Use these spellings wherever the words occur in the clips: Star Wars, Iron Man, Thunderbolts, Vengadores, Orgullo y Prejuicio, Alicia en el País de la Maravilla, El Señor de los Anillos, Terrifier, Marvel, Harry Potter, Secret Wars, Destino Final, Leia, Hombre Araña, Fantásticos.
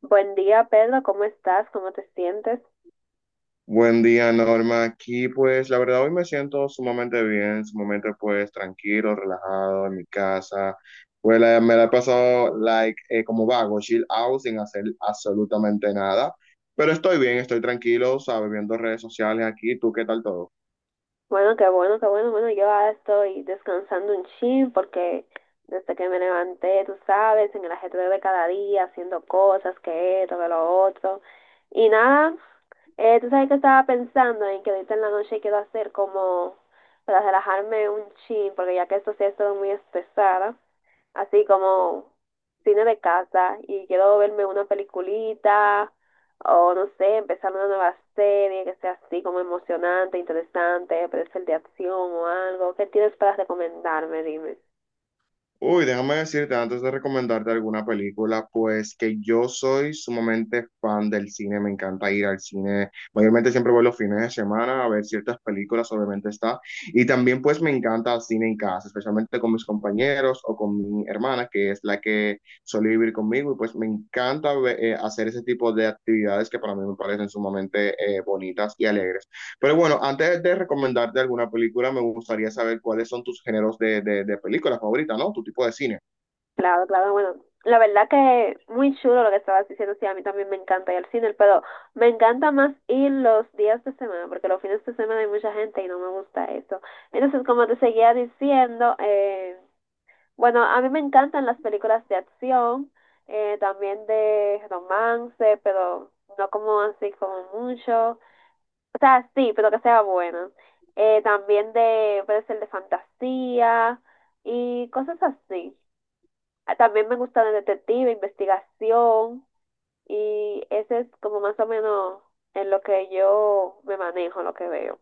Buen día, Pedro. ¿Cómo estás? ¿Cómo te sientes? Buen día, Norma. Aquí, pues, la verdad, hoy me siento sumamente bien, sumamente, pues, tranquilo, relajado en mi casa. Pues, me la he pasado, like, como vago, chill out, sin hacer absolutamente nada. Pero estoy bien, estoy tranquilo, ¿sabes? Viendo redes sociales aquí. ¿Tú qué tal todo? Bueno, qué bueno, qué bueno. Bueno, yo ahora estoy descansando un chin porque desde que me levanté, tú sabes, en el ajetreo de cada día, haciendo cosas, que esto, que lo otro. Y nada, tú sabes que estaba pensando en que ahorita en la noche quiero hacer como para relajarme un chin porque ya que esto sí ha estado muy estresada. Así como cine de casa y quiero verme una peliculita o no sé, empezar una nueva serie que sea así como emocionante, interesante, puede ser de acción o algo. ¿Qué tienes para recomendarme? Dime. Uy, déjame decirte antes de recomendarte alguna película, pues que yo soy sumamente fan del cine, me encanta ir al cine, mayormente siempre voy los fines de semana a ver ciertas películas, obviamente está, y también pues me encanta el cine en casa, especialmente con mis compañeros o con mi hermana, que es la que suele vivir conmigo, y pues me encanta hacer ese tipo de actividades que para mí me parecen sumamente bonitas y alegres. Pero bueno, antes de recomendarte alguna película, me gustaría saber cuáles son tus géneros de película favorita, ¿no? Tu tipo de cine. Claro, claro, bueno. La verdad que muy chulo lo que estabas diciendo, sí, a mí también me encanta ir al cine, pero me encanta más ir los días de semana, porque los fines de semana hay mucha gente y no me gusta eso. Entonces, como te seguía diciendo, bueno, a mí me encantan las películas de acción, también de romance, pero no como así como mucho. O sea, sí, pero que sea buena. También de, puede ser de fantasía y cosas así. Ah, también me gusta de detective, investigación, y ese es como más o menos en lo que yo me manejo, lo que veo.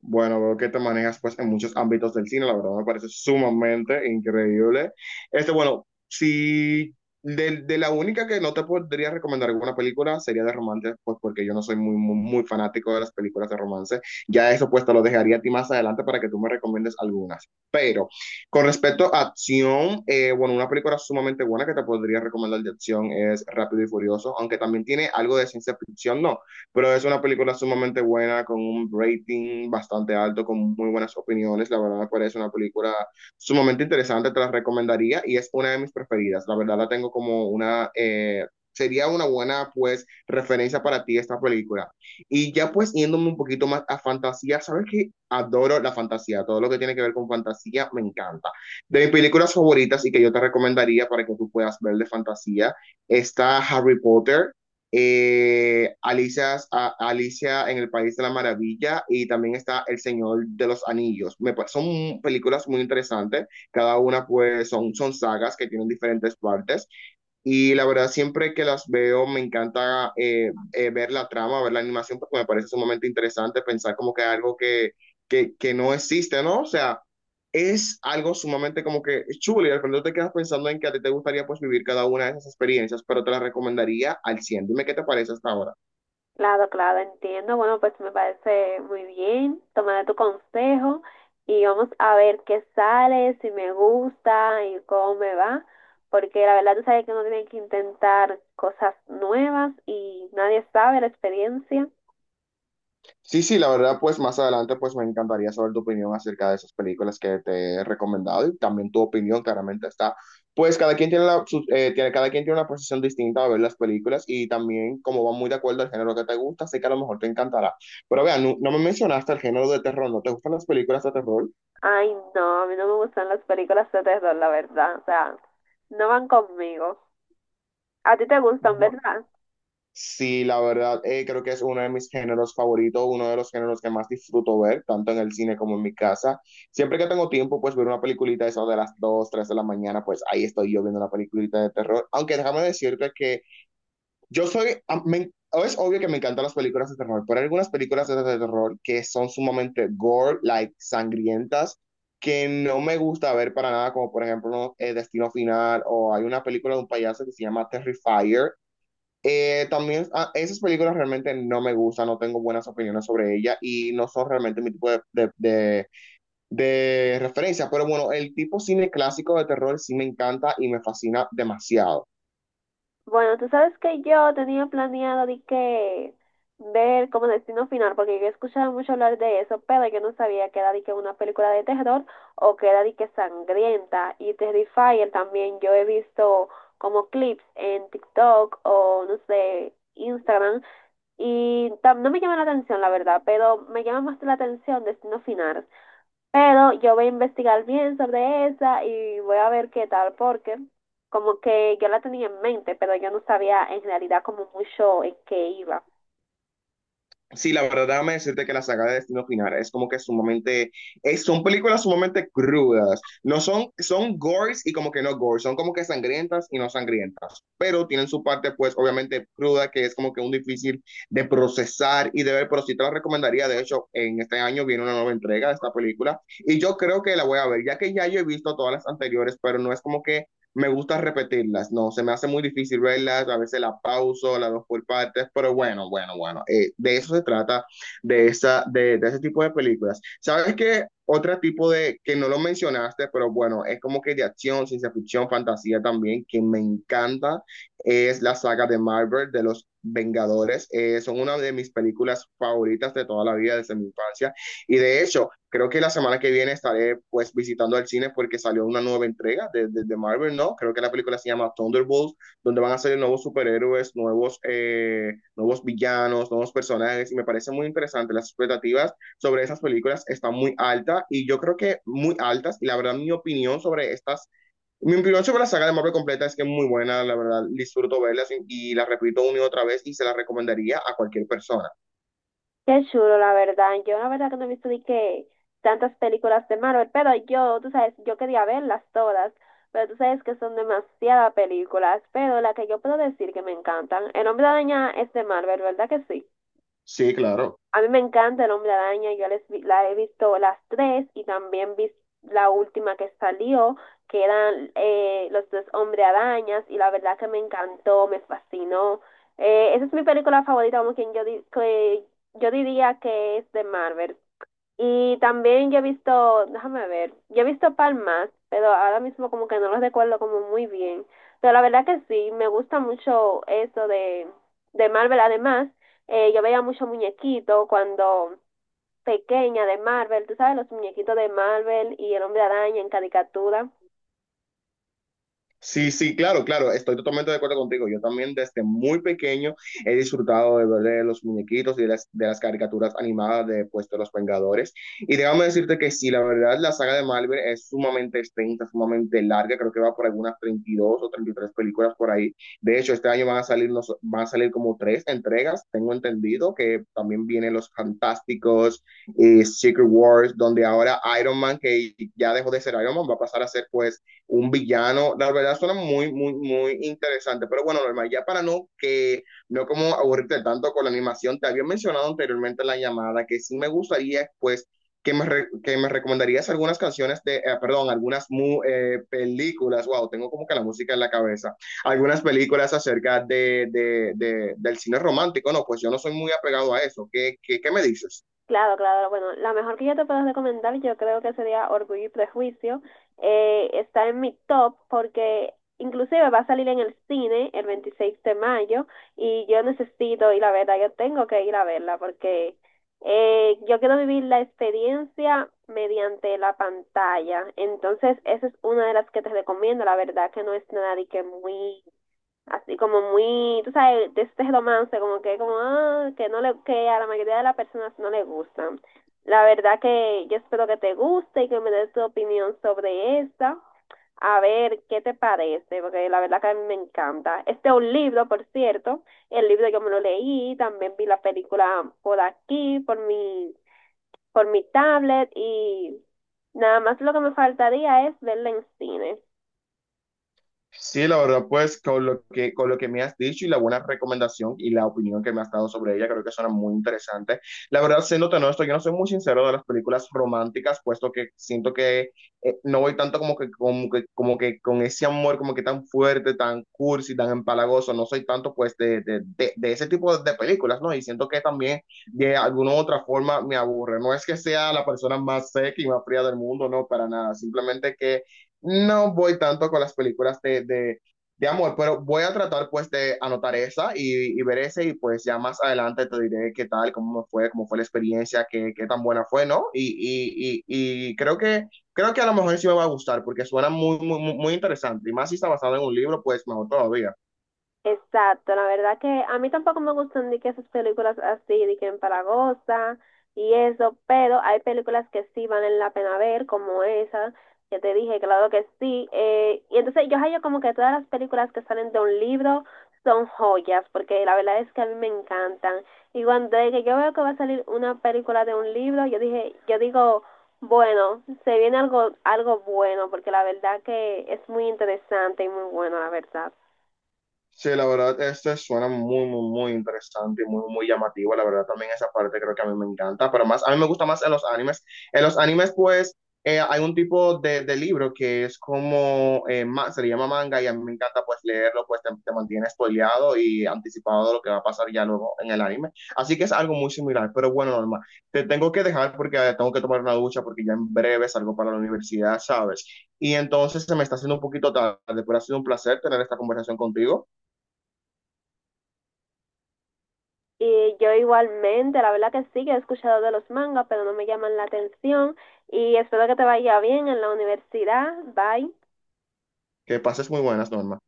Bueno, veo que te manejas pues en muchos ámbitos del cine, la verdad me parece sumamente increíble. Este, bueno, si de la única que no te podría recomendar alguna película sería de romance, pues porque yo no soy muy, muy, muy fanático de las películas de romance. Ya eso pues te lo dejaría a ti más adelante para que tú me recomiendes algunas. Pero con respecto a acción, bueno, una película sumamente buena que te podría recomendar de acción es Rápido y Furioso, aunque también tiene algo de ciencia ficción, ¿no? Pero es una película sumamente buena, con un rating bastante alto, con muy buenas opiniones. La verdad me parece una película sumamente interesante, te la recomendaría y es una de mis preferidas. La verdad la tengo como una, sería una buena pues referencia para ti esta película. Y ya pues yéndome un poquito más a fantasía, sabes que adoro la fantasía, todo lo que tiene que ver con fantasía me encanta. De mis películas favoritas y que yo te recomendaría para que tú puedas ver de fantasía está Harry Potter, Alicia en el País de la Maravilla y también está El Señor de los Anillos. Son películas muy interesantes, cada una pues son sagas que tienen diferentes partes y la verdad, siempre que las veo, me encanta ver la trama, ver la animación, porque me parece sumamente interesante pensar como que algo que no existe, ¿no? O sea, es algo sumamente como que chulo y al final te quedas pensando en que a ti te gustaría pues vivir cada una de esas experiencias, pero te las recomendaría al 100. Dime qué te parece hasta ahora. Claro, claro, entiendo. Bueno, pues me parece muy bien. Tomaré tu consejo y vamos a ver qué sale, si me gusta y cómo me va. Porque la verdad tú sabes que uno tiene que intentar cosas nuevas y nadie sabe la experiencia. Sí, sí, la verdad, pues más adelante, pues me encantaría saber tu opinión acerca de esas películas que te he recomendado y también tu opinión, claramente está. Pues cada quien tiene una posición distinta de ver las películas y también como va muy de acuerdo al género que te gusta, sé que a lo mejor te encantará. Pero vean, no me mencionaste el género de terror, ¿no te gustan las películas de terror? Ay, no, a mí no me gustan las películas de terror, la verdad. O sea, no van conmigo. A ti te gustan, ¿verdad? Sí, la verdad, creo que es uno de mis géneros favoritos, uno de los géneros que más disfruto ver, tanto en el cine como en mi casa. Siempre que tengo tiempo, pues ver una peliculita eso de las 2, 3 de la mañana, pues ahí estoy yo viendo una peliculita de terror. Aunque déjame decirte que yo soy, a- me- es obvio que me encantan las películas de terror, pero hay algunas películas de terror que son sumamente gore, like sangrientas, que no me gusta ver para nada, como por ejemplo Destino Final, o hay una película de un payaso que se llama Terrifier, también esas películas realmente no me gustan, no tengo buenas opiniones sobre ellas y no son realmente mi tipo de referencia. Pero bueno, el tipo cine clásico de terror sí me encanta y me fascina demasiado. Bueno, tú sabes que yo tenía planeado de que ver como Destino Final, porque yo escuchaba mucho hablar de eso, pero yo no sabía que era de que una película de terror o que era de que sangrienta. Y Terrifier también yo he visto como clips en TikTok o no sé, Instagram. Y tam- no me llama la atención, la verdad, pero me llama más la atención Destino Final. Pero yo voy a investigar bien sobre esa y voy a ver qué tal, porque como que yo la tenía en mente, pero yo no sabía en realidad como mucho en qué iba. Sí, la verdad, déjame decirte que la saga de Destino Final es como que sumamente, son películas sumamente crudas. No son, son gores y como que no gores, son como que sangrientas y no sangrientas, pero tienen su parte pues obviamente cruda que es como que un difícil de procesar y de ver, pero sí te la recomendaría. De hecho, en este año viene una nueva entrega de esta película y yo creo que la voy a ver, ya que ya yo he visto todas las anteriores, pero no es como que me gusta repetirlas, no, se me hace muy difícil verlas, a veces las pauso, las dos por partes, pero bueno, bueno, bueno, de eso se trata, de, esa, de, ese tipo de películas. ¿Sabes qué? Otro tipo de, que no lo mencionaste, pero bueno, es como que de acción, ciencia ficción, fantasía también, que me encanta, es la saga de Marvel, de los Vengadores, son una de mis películas favoritas de toda la vida, desde mi infancia, y de hecho, creo que la semana que viene estaré pues visitando al cine porque salió una nueva entrega de Marvel, ¿no? Creo que la película se llama Thunderbolts, donde van a salir nuevos superhéroes, nuevos, nuevos villanos, nuevos personajes, y me parece muy interesante. Las expectativas sobre esas películas están muy altas y yo creo que muy altas, y la verdad mi opinión sobre estas mi opinión sobre la saga de Marvel completa es que es muy buena, la verdad, disfruto verla y la repito una y otra vez y se la recomendaría a cualquier persona. Qué chulo, la verdad. Yo la verdad que no he visto ni que tantas películas de Marvel, pero yo, tú sabes, yo quería verlas todas, pero tú sabes que son demasiadas películas, pero la que yo puedo decir que me encantan, El Hombre Araña, es de Marvel, ¿verdad que sí? Sí, claro. A mí me encanta el Hombre Araña, yo les vi- la he visto las tres y también vi la última que salió, que eran los dos Hombre Arañas, y la verdad que me encantó, me fascinó. Esa es mi película favorita, como quien yo, di- que yo diría que es de Marvel. Y también yo he visto, déjame ver, yo he visto palmas, pero ahora mismo como que no los recuerdo como muy bien. Pero la verdad que sí, me gusta mucho eso de Marvel. Además, yo veía mucho muñequito cuando pequeña de Marvel, tú sabes, los muñequitos de Marvel y el Hombre Araña en caricatura. Sí, sí, claro, claro, estoy totalmente de acuerdo contigo. Yo también desde muy pequeño he disfrutado de ver de los muñequitos y de las caricaturas animadas de, pues, de los Vengadores. Y déjame decirte que sí, la verdad, la saga de Marvel es sumamente extensa, sumamente larga, creo que va por algunas 32 o 33 películas por ahí. De hecho, este año van a salir, van a salir como tres entregas, tengo entendido, que también vienen los Fantásticos, y Secret Wars, donde ahora Iron Man, que ya dejó de ser Iron Man, va a pasar a ser pues un villano. La verdad suena muy, muy, muy interesante. Pero bueno, normal, ya para no que no como aburrirte tanto con la animación, te había mencionado anteriormente en la llamada que sí me gustaría, pues, que me recomendarías algunas canciones perdón, algunas películas, wow, tengo como que la música en la cabeza, algunas películas acerca del cine romántico, no, pues yo no soy muy apegado a eso, ¿qué, qué, qué me dices? Claro, claro. Bueno, la mejor que yo te puedo recomendar, yo creo que sería Orgullo y Prejuicio. Está en mi top porque inclusive va a salir en el cine el 26 de mayo y yo necesito ir a verla, yo tengo que ir a verla porque yo quiero vivir la experiencia mediante la pantalla. Entonces, esa es una de las que te recomiendo, la verdad que no es nada de que muy así como muy, tú sabes, de este romance, como que como ah, que no le que a la mayoría de las personas no le gustan. La verdad que yo espero que te guste y que me des tu opinión sobre esta. A ver qué te parece, porque la verdad que a mí me encanta. Este es un libro, por cierto. El libro yo me lo leí, también vi la película por aquí, por mi tablet, y nada más lo que me faltaría es verla en cine. Sí, la verdad, pues con lo que me has dicho y la buena recomendación y la opinión que me has dado sobre ella, creo que suena muy interesante. La verdad, siéndote honesto, yo no soy muy sincero de las películas románticas, puesto que siento que no voy tanto como que con ese amor como que tan fuerte, tan cursi, tan empalagoso, no soy tanto pues de ese tipo de películas, ¿no? Y siento que también de alguna u otra forma me aburre. No es que sea la persona más seca y más fría del mundo, no, para nada, simplemente que no voy tanto con las películas de amor, pero voy a tratar pues de anotar esa y ver ese y pues ya más adelante te diré qué tal, cómo me fue, cómo fue la experiencia, qué, qué tan buena fue, ¿no? Y creo que a lo mejor sí me va a gustar porque suena muy, muy, muy muy interesante y más si está basado en un libro, pues mejor todavía. Exacto, la verdad que a mí tampoco me gustan de que esas películas así, de que en Paragosa y eso, pero hay películas que sí valen la pena ver, como esa, que te dije, claro que sí. Eh, y entonces yo hallo como que todas las películas que salen de un libro son joyas, porque la verdad es que a mí me encantan. Y cuando de que yo veo que va a salir una película de un libro, yo dije, yo digo, bueno, se viene algo, algo bueno, porque la verdad que es muy interesante y muy bueno, la verdad. Sí, la verdad, este suena muy, muy, muy interesante y muy, muy llamativo. La verdad, también esa parte creo que a mí me encanta, pero más, a mí me gusta más en los animes. En los animes, pues, hay un tipo de libro que es como, se le llama manga y a mí me encanta, pues, leerlo, pues, te mantiene spoileado y anticipado de lo que va a pasar ya luego en el anime. Así que es algo muy similar, pero bueno, Norma, te tengo que dejar porque tengo que tomar una ducha porque ya en breve salgo para la universidad, ¿sabes? Y entonces se me está haciendo un poquito tarde, pero ha sido un placer tener esta conversación contigo. Y yo igualmente, la verdad que sí, que he escuchado de los mangas, pero no me llaman la atención. Y espero que te vaya bien en la universidad. Bye. Que pases muy buenas, Norma.